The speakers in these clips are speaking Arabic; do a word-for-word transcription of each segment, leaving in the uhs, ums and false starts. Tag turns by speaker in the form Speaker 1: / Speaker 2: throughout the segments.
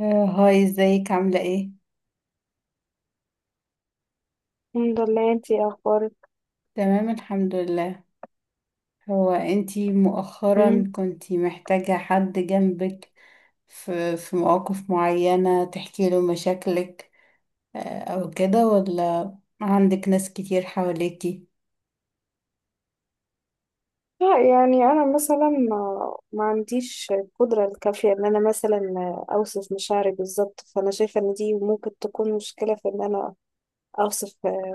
Speaker 1: آه، هاي ازيك عاملة ايه؟
Speaker 2: الحمد لله، انتي اخبارك؟
Speaker 1: تمام الحمد لله. هو انتي
Speaker 2: مم.
Speaker 1: مؤخرا كنتي محتاجة حد جنبك في, في مواقف معينة تحكي له مشاكلك، آه، او كده، ولا عندك ناس كتير حواليكي؟
Speaker 2: لا، يعني انا مثلا ما, ما عنديش القدره الكافيه ان انا مثلا اوصف مشاعري بالظبط، فانا شايفه ان دي ممكن تكون مشكله في ان انا اوصف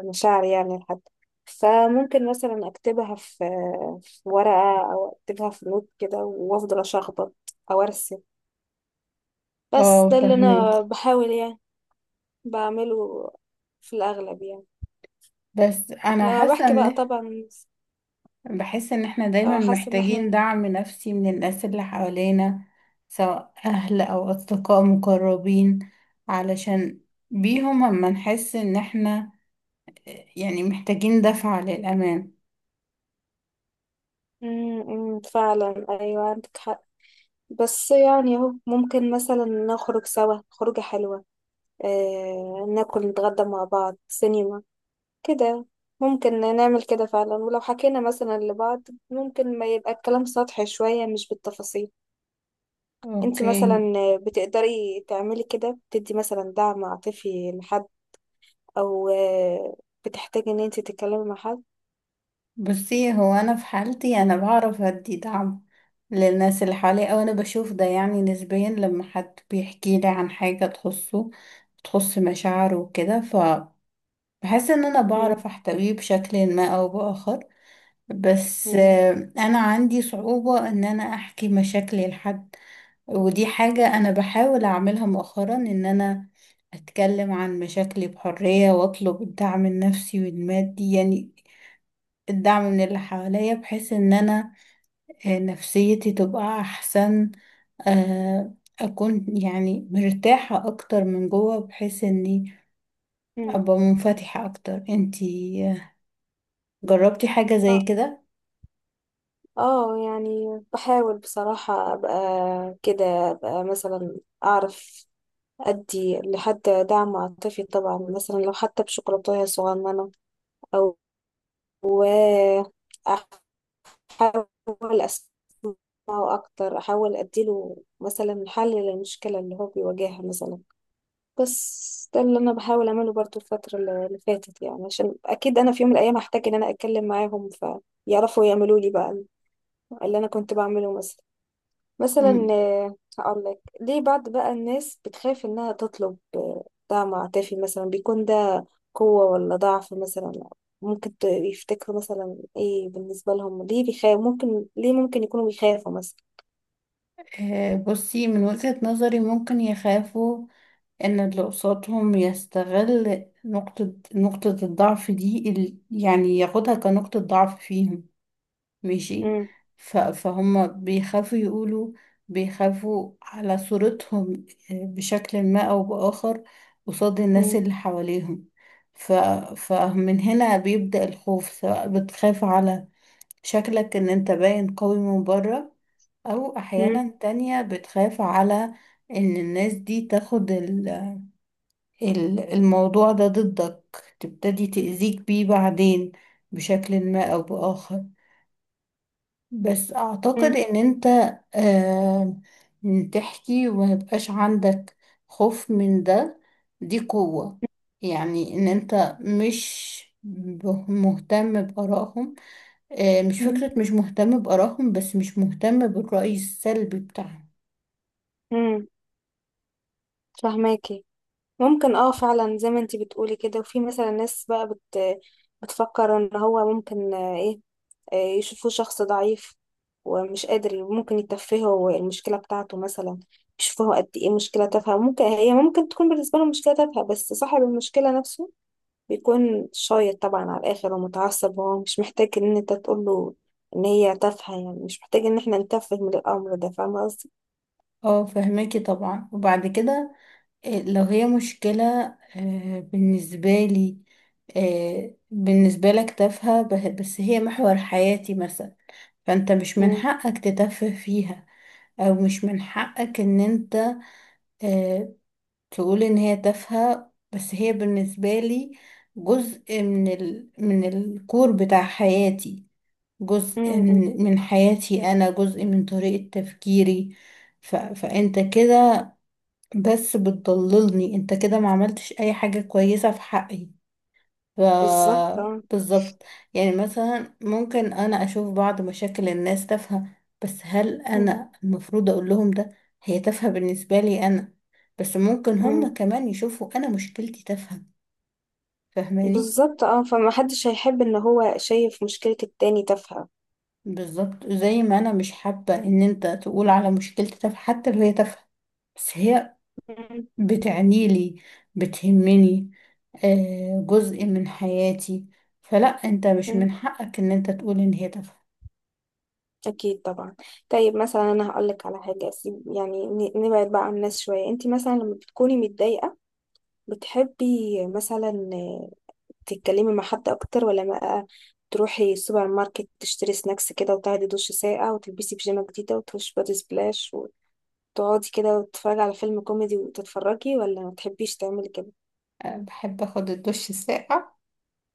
Speaker 2: مشاعري يعني لحد. فممكن مثلا اكتبها في في ورقه او اكتبها في نوت كده وافضل اشخبط او ارسم، بس
Speaker 1: اه
Speaker 2: ده اللي انا
Speaker 1: فهميكي.
Speaker 2: بحاول يعني بعمله في الاغلب يعني
Speaker 1: بس انا
Speaker 2: لما
Speaker 1: حاسة
Speaker 2: بحكي بقى
Speaker 1: ان
Speaker 2: طبعا.
Speaker 1: بحس ان احنا دايما
Speaker 2: اه، حاسه ان
Speaker 1: محتاجين
Speaker 2: احنا
Speaker 1: دعم نفسي من الناس اللي حوالينا، سواء اهل او اصدقاء مقربين، علشان بيهم اما نحس ان احنا يعني محتاجين دفعة للأمان.
Speaker 2: امم امم، فعلا، ايوه عندك حق. بس يعني اهو، ممكن مثلا نخرج سوا خروجة حلوة، آه ناكل نتغدى مع بعض سينما كده. ممكن نعمل كده فعلا، ولو حكينا مثلا لبعض ممكن ما يبقى الكلام سطحي شوية مش بالتفاصيل. انتي مثلا
Speaker 1: اوكي.
Speaker 2: بتقدري تعملي كده؟ بتدي مثلا دعم عاطفي لحد، او آه بتحتاجي ان انتي تتكلمي مع حد؟
Speaker 1: بصي، هو أنا في حالتي أنا بعرف أدي دعم للناس اللي حواليا، أو أنا بشوف ده يعني نسبيا لما حد بيحكي لي عن حاجة تخصه، تخص مشاعره وكده، فبحس إن أنا
Speaker 2: امم
Speaker 1: بعرف أحتويه بشكل ما أو بآخر. بس آه، انا عندي صعوبة ان انا احكي مشاكلي لحد، ودي حاجة انا بحاول اعملها مؤخرا، ان انا اتكلم عن مشاكلي بحرية واطلب الدعم النفسي والمادي، يعني الدعم من اللي حواليا، بحيث ان انا آه، نفسيتي تبقى احسن، آه، اكون يعني مرتاحة اكتر من جوه، بحيث اني
Speaker 2: امم
Speaker 1: ابقى منفتحة اكتر. انتي آه، جربتي حاجة زي كده؟
Speaker 2: اه، يعني بحاول بصراحة ابقى كده، ابقى مثلا اعرف ادي لحد دعم عاطفي طبعا، مثلا لو حتى بشوكولاتة صغننة، او و احاول اسمعه اكتر، احاول اديله مثلا حل للمشكلة اللي هو بيواجهها مثلا. بس ده اللي انا بحاول اعمله برضو الفترة اللي فاتت يعني، عشان اكيد انا في يوم من الايام هحتاج ان انا اتكلم معاهم، فيعرفوا يعملوا لي بقى اللي انا كنت بعمله مثلا. مثلا، آه، هقول لك ليه بعض بقى الناس بتخاف انها تطلب آه، دعم عاطفي، مثلا بيكون ده قوة ولا ضعف؟ مثلا ممكن ت- يفتكروا مثلا ايه بالنسبة لهم، ليه بيخاف، ممكن ليه ممكن يكونوا بيخافوا مثلا؟
Speaker 1: آه، بصي، من وجهة نظري ممكن يخافوا ان اللي قصادهم يستغل نقطة نقطة الضعف دي، ال- يعني ياخدها كنقطة ضعف فيهم، ماشي.
Speaker 2: مم،
Speaker 1: ف- فهم بيخافوا يقولوا، بيخافوا على صورتهم آه، بشكل ما او بآخر قصاد الناس
Speaker 2: مم،
Speaker 1: اللي حواليهم. ف... فمن هنا بيبدأ الخوف، سواء بتخاف على شكلك ان انت باين قوي من بره، أو
Speaker 2: مم،
Speaker 1: أحيانا تانية بتخاف على إن الناس دي تاخد ال- ال- الموضوع ده ضدك، تبتدي تأذيك بيه بعدين بشكل ما أو بآخر. بس أعتقد
Speaker 2: مم،
Speaker 1: إن أنت آه تحكي وميبقاش عندك خوف من ده، دي قوة، يعني إن أنت مش ب- مهتم بآرائهم، آه مش
Speaker 2: مم،
Speaker 1: فكرة مش مهتم بآرائهم، بس مش مهتم بالرأي السلبي بتاعهم.
Speaker 2: مم. فهماكي. ممكن اه فعلا زي ما انتي بتقولي كده، وفي مثلا ناس بقى بت بتفكر ان هو ممكن آه، ايه، آه، يشوفوه شخص ضعيف ومش قادر، ممكن يتفهوا المشكلة بتاعته مثلا، يشوفوها قد ايه مشكلة تافهة. ممكن هي ممكن تكون بالنسبة له مشكلة تافهة بس صاحب المشكلة نفسه بيكون شايط طبعا على الآخر ومتعصب. هو مش محتاج ان انت تقول له ان هي تافهة، يعني مش محتاج ان احنا نتفه من الأمر ده. فاهمة قصدي؟
Speaker 1: اه فهماكي طبعا. وبعد كده آه، لو هي مشكلة آه، بالنسبة لي، آه، بالنسبة لك تافهة، به- بس هي محور حياتي مثلا، فانت مش من
Speaker 2: مم.
Speaker 1: حقك تتفه فيها، او مش من حقك ان انت آه، تقول ان هي تافهة، بس هي بالنسبة لي جزء من ال... من الكور بتاع حياتي، جزء
Speaker 2: مم. مم.
Speaker 1: من من حياتي انا، جزء من طريقة تفكيري. ف... فانت كده بس بتضللني، انت كده ما عملتش اي حاجة كويسة في حقي. ف
Speaker 2: بالظبط، اه.
Speaker 1: بالظبط. يعني مثلا ممكن انا اشوف بعض مشاكل الناس تافهة، بس هل
Speaker 2: مم.
Speaker 1: انا المفروض اقول لهم ده؟ هي تافهة بالنسبة لي انا، بس ممكن
Speaker 2: مم.
Speaker 1: هم كمان يشوفوا انا مشكلتي تافهة. فاهماني؟
Speaker 2: بالظبط، اه، فمحدش هيحب ان هو شايف مشكلة التاني تافهة.
Speaker 1: بالظبط، زي ما انا مش حابة ان انت تقول على مشكلتي تافهة حتى لو هي تافهة، بس هي بتعنيلي، بتهمني، آه، جزء من حياتي، فلا انت مش
Speaker 2: مم.
Speaker 1: من حقك ان انت تقول ان هي تافهة.
Speaker 2: أكيد طبعا. طيب مثلا أنا هقولك على حاجة، أسيب يعني ن- نبعد بقى عن الناس شوية. أنت مثلا لما بتكوني متضايقة بتحبي مثلا آه، تتكلمي مع حد أكتر، ولا بقى تروحي السوبر ماركت تشتري سناكس كده وتاخدي دش ساقع وتلبسي بيجامة جديدة وتخشي بادي سبلاش وتقعدي كده وتتفرجي على فيلم كوميدي وتتفرجي، ولا ما تحبيش تعملي كده؟
Speaker 1: أه، بحب اخد الدش الساقع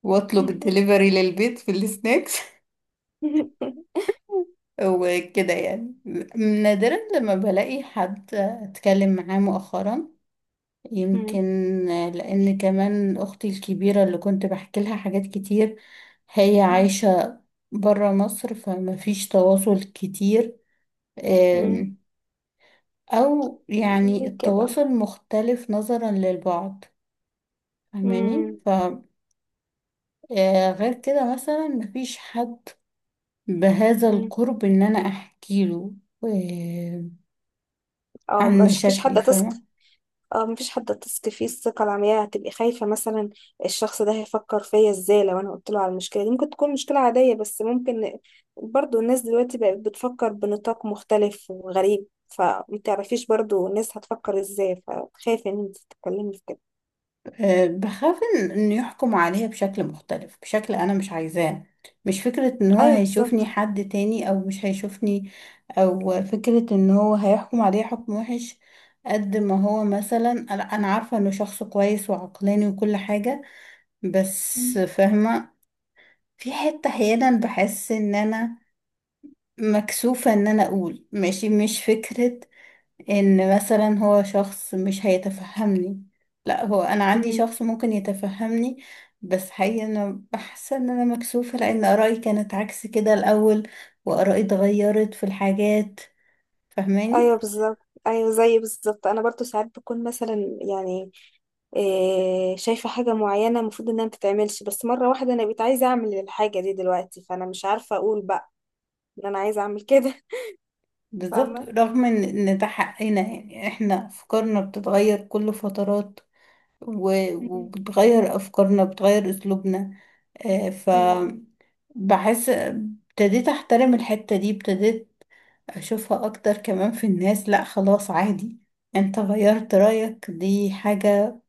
Speaker 1: واطلب الدليفري للبيت في السناكس. وكده يعني، نادرا لما بلاقي حد اتكلم معاه مؤخرا،
Speaker 2: مم.
Speaker 1: يمكن آه، لان كمان اختي الكبيرة اللي كنت بحكي لها حاجات كتير هي
Speaker 2: مم.
Speaker 1: عايشة برا مصر، فما فيش تواصل كتير،
Speaker 2: مم.
Speaker 1: او يعني
Speaker 2: ليه كده؟
Speaker 1: التواصل مختلف نظرا للبعض. فاهماني؟
Speaker 2: مم.
Speaker 1: ف آه، غير كده مثلا مفيش حد بهذا
Speaker 2: مم.
Speaker 1: القرب ان انا احكي له آه،
Speaker 2: اه،
Speaker 1: عن
Speaker 2: مش فيش
Speaker 1: مشاكلي،
Speaker 2: حد تثق.
Speaker 1: فاهمة؟
Speaker 2: اه، مفيش حد هتثقي فيه الثقة العمياء، هتبقي خايفة مثلا الشخص ده هيفكر فيا ازاي لو انا قلت له على المشكلة دي. ممكن تكون مشكلة عادية بس ممكن برضو الناس دلوقتي بقت بتفكر بنطاق مختلف وغريب، فمتعرفيش برضو الناس هتفكر ازاي، فخايفة ان انت تتكلمي في كده.
Speaker 1: آه، بخاف ان إن يحكم عليا بشكل مختلف، بشكل انا مش عايزاه. مش فكرة ان هو
Speaker 2: ايوه
Speaker 1: هيشوفني
Speaker 2: بالظبط.
Speaker 1: حد تاني او مش هيشوفني، او فكرة ان هو هيحكم عليا حكم وحش. قد ما هو مثلا انا أنا عارفة انه شخص كويس وعقلاني وكل حاجة، بس
Speaker 2: مم.
Speaker 1: فاهمة، في حتة أحيانا بحس إن أنا مكسوفة إن أنا أقول. ماشي، مش فكرة إن مثلا هو شخص مش هيتفهمني، لا هو أنا عندي
Speaker 2: مم.
Speaker 1: شخص ممكن يتفهمني، بس حقيقة أنا بحس إن أنا مكسوفة لأن آرائي كانت عكس كده الأول، وآرائي اتغيرت في الحاجات.
Speaker 2: ايوه
Speaker 1: فاهماني؟
Speaker 2: بالظبط. ايوه، زي بالظبط انا برضو ساعات بكون مثلا يعني إيه شايفه حاجه معينه المفروض انها ما تتعملش، بس مره واحده انا بقيت عايزه اعمل الحاجه دي دلوقتي، فانا مش عارفه اقول بقى ان انا عايزه اعمل كده.
Speaker 1: بالظبط،
Speaker 2: فاهمه.
Speaker 1: رغم إن إن ده حقنا، يعني إحنا أفكارنا بتتغير كل فترات، و-
Speaker 2: مم.
Speaker 1: وبتغير أفكارنا بتغير أسلوبنا، آه، ف
Speaker 2: مم.
Speaker 1: بحس ابتديت احترم الحتة دي، ابتديت اشوفها اكتر كمان في الناس. لا خلاص عادي، انت غيرت رأيك، دي حاجة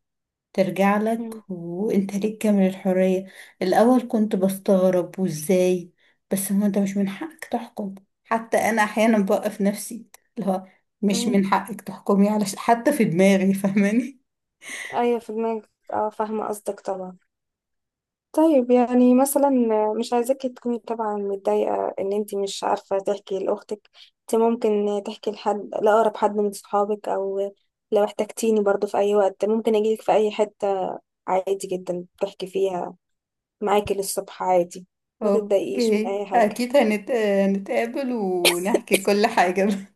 Speaker 1: ترجع لك
Speaker 2: مم.
Speaker 1: وانت ليك كامل الحرية. الاول كنت بستغرب، وازاي؟ بس هو انت مش من حقك تحكم. حتى انا احيانا بوقف نفسي، اللي هو مش
Speaker 2: مم.
Speaker 1: من حقك تحكمي على ش- حتى في دماغي. فاهماني؟
Speaker 2: ايوه في دماغك، اه فاهمه قصدك طبعا. طيب يعني مثلا، مش عايزاكي تكوني طبعا متضايقه ان انت مش عارفه تحكي لاختك. انت ممكن تحكي لحد، لاقرب حد من صحابك، او لو احتجتيني برضو في اي وقت ممكن اجيلك في اي حته، عادي جدا تحكي فيها معاكي للصبح عادي. ما تتضايقيش من
Speaker 1: اوكي
Speaker 2: اي حاجه.
Speaker 1: اكيد هنت... هنتقابل ونحكي كل حاجة.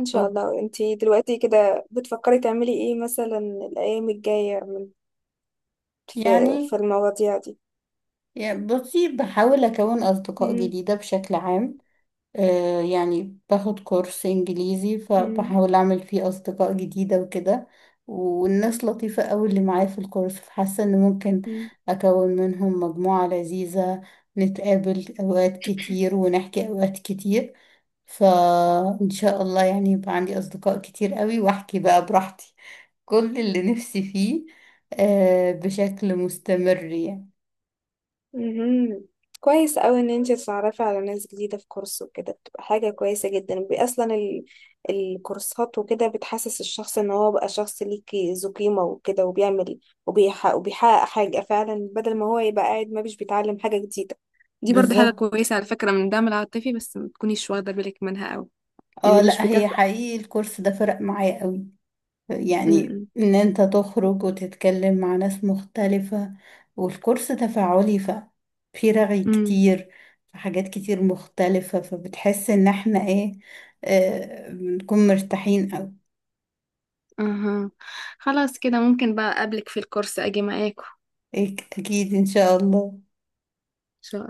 Speaker 2: ان شاء
Speaker 1: اوكي.
Speaker 2: الله، انت دلوقتي كده بتفكري تعملي ايه مثلا الايام الجايه في في
Speaker 1: يعني
Speaker 2: المواضيع دي؟
Speaker 1: يعني بصي، بحاول أكون أصدقاء
Speaker 2: مم.
Speaker 1: جديدة بشكل عام. آه يعني باخد كورس إنجليزي،
Speaker 2: مم.
Speaker 1: فبحاول أعمل فيه أصدقاء جديدة وكده، والناس لطيفة أوي اللي معايا في الكورس، فحاسة إن ممكن
Speaker 2: مم.
Speaker 1: أكون منهم مجموعة لذيذة، نتقابل أوقات كتير ونحكي أوقات كتير. فإن شاء الله يعني يبقى عندي أصدقاء كتير أوي وأحكي بقى براحتي كل اللي نفسي فيه، آه بشكل مستمر يعني.
Speaker 2: مهم. كويس قوي ان انت تتعرفي على ناس جديدة في كورس وكده، بتبقى حاجة كويسة جدا، بي- اصلا ال... الكورسات وكده بتحسس الشخص ان هو بقى شخص ليكي ذو قيمة وكده، وبيعمل وبيحقق, وبيحقق حاجة فعلا، بدل ما هو يبقى قاعد ما مش بيتعلم حاجة جديدة. دي برضو حاجة
Speaker 1: بالظبط
Speaker 2: كويسة على فكرة من الدعم العاطفي، بس ما تكونيش واخدة بالك منها قوي.
Speaker 1: اه.
Speaker 2: لان مش
Speaker 1: لا هي
Speaker 2: بتبقى
Speaker 1: حقيقي الكورس ده فرق معايا قوي، يعني
Speaker 2: م-
Speaker 1: ان انت تخرج وتتكلم مع ناس مختلفة، والكورس تفاعلي، ف في رغي
Speaker 2: م.
Speaker 1: كتير، في حاجات كتير مختلفة، فبتحس ان احنا ايه، آه بنكون مرتاحين قوي.
Speaker 2: أها. خلاص كده، ممكن بقى أقابلك في الكورس أجي معاكم.
Speaker 1: إيه، اكيد ان شاء الله.
Speaker 2: إن شاء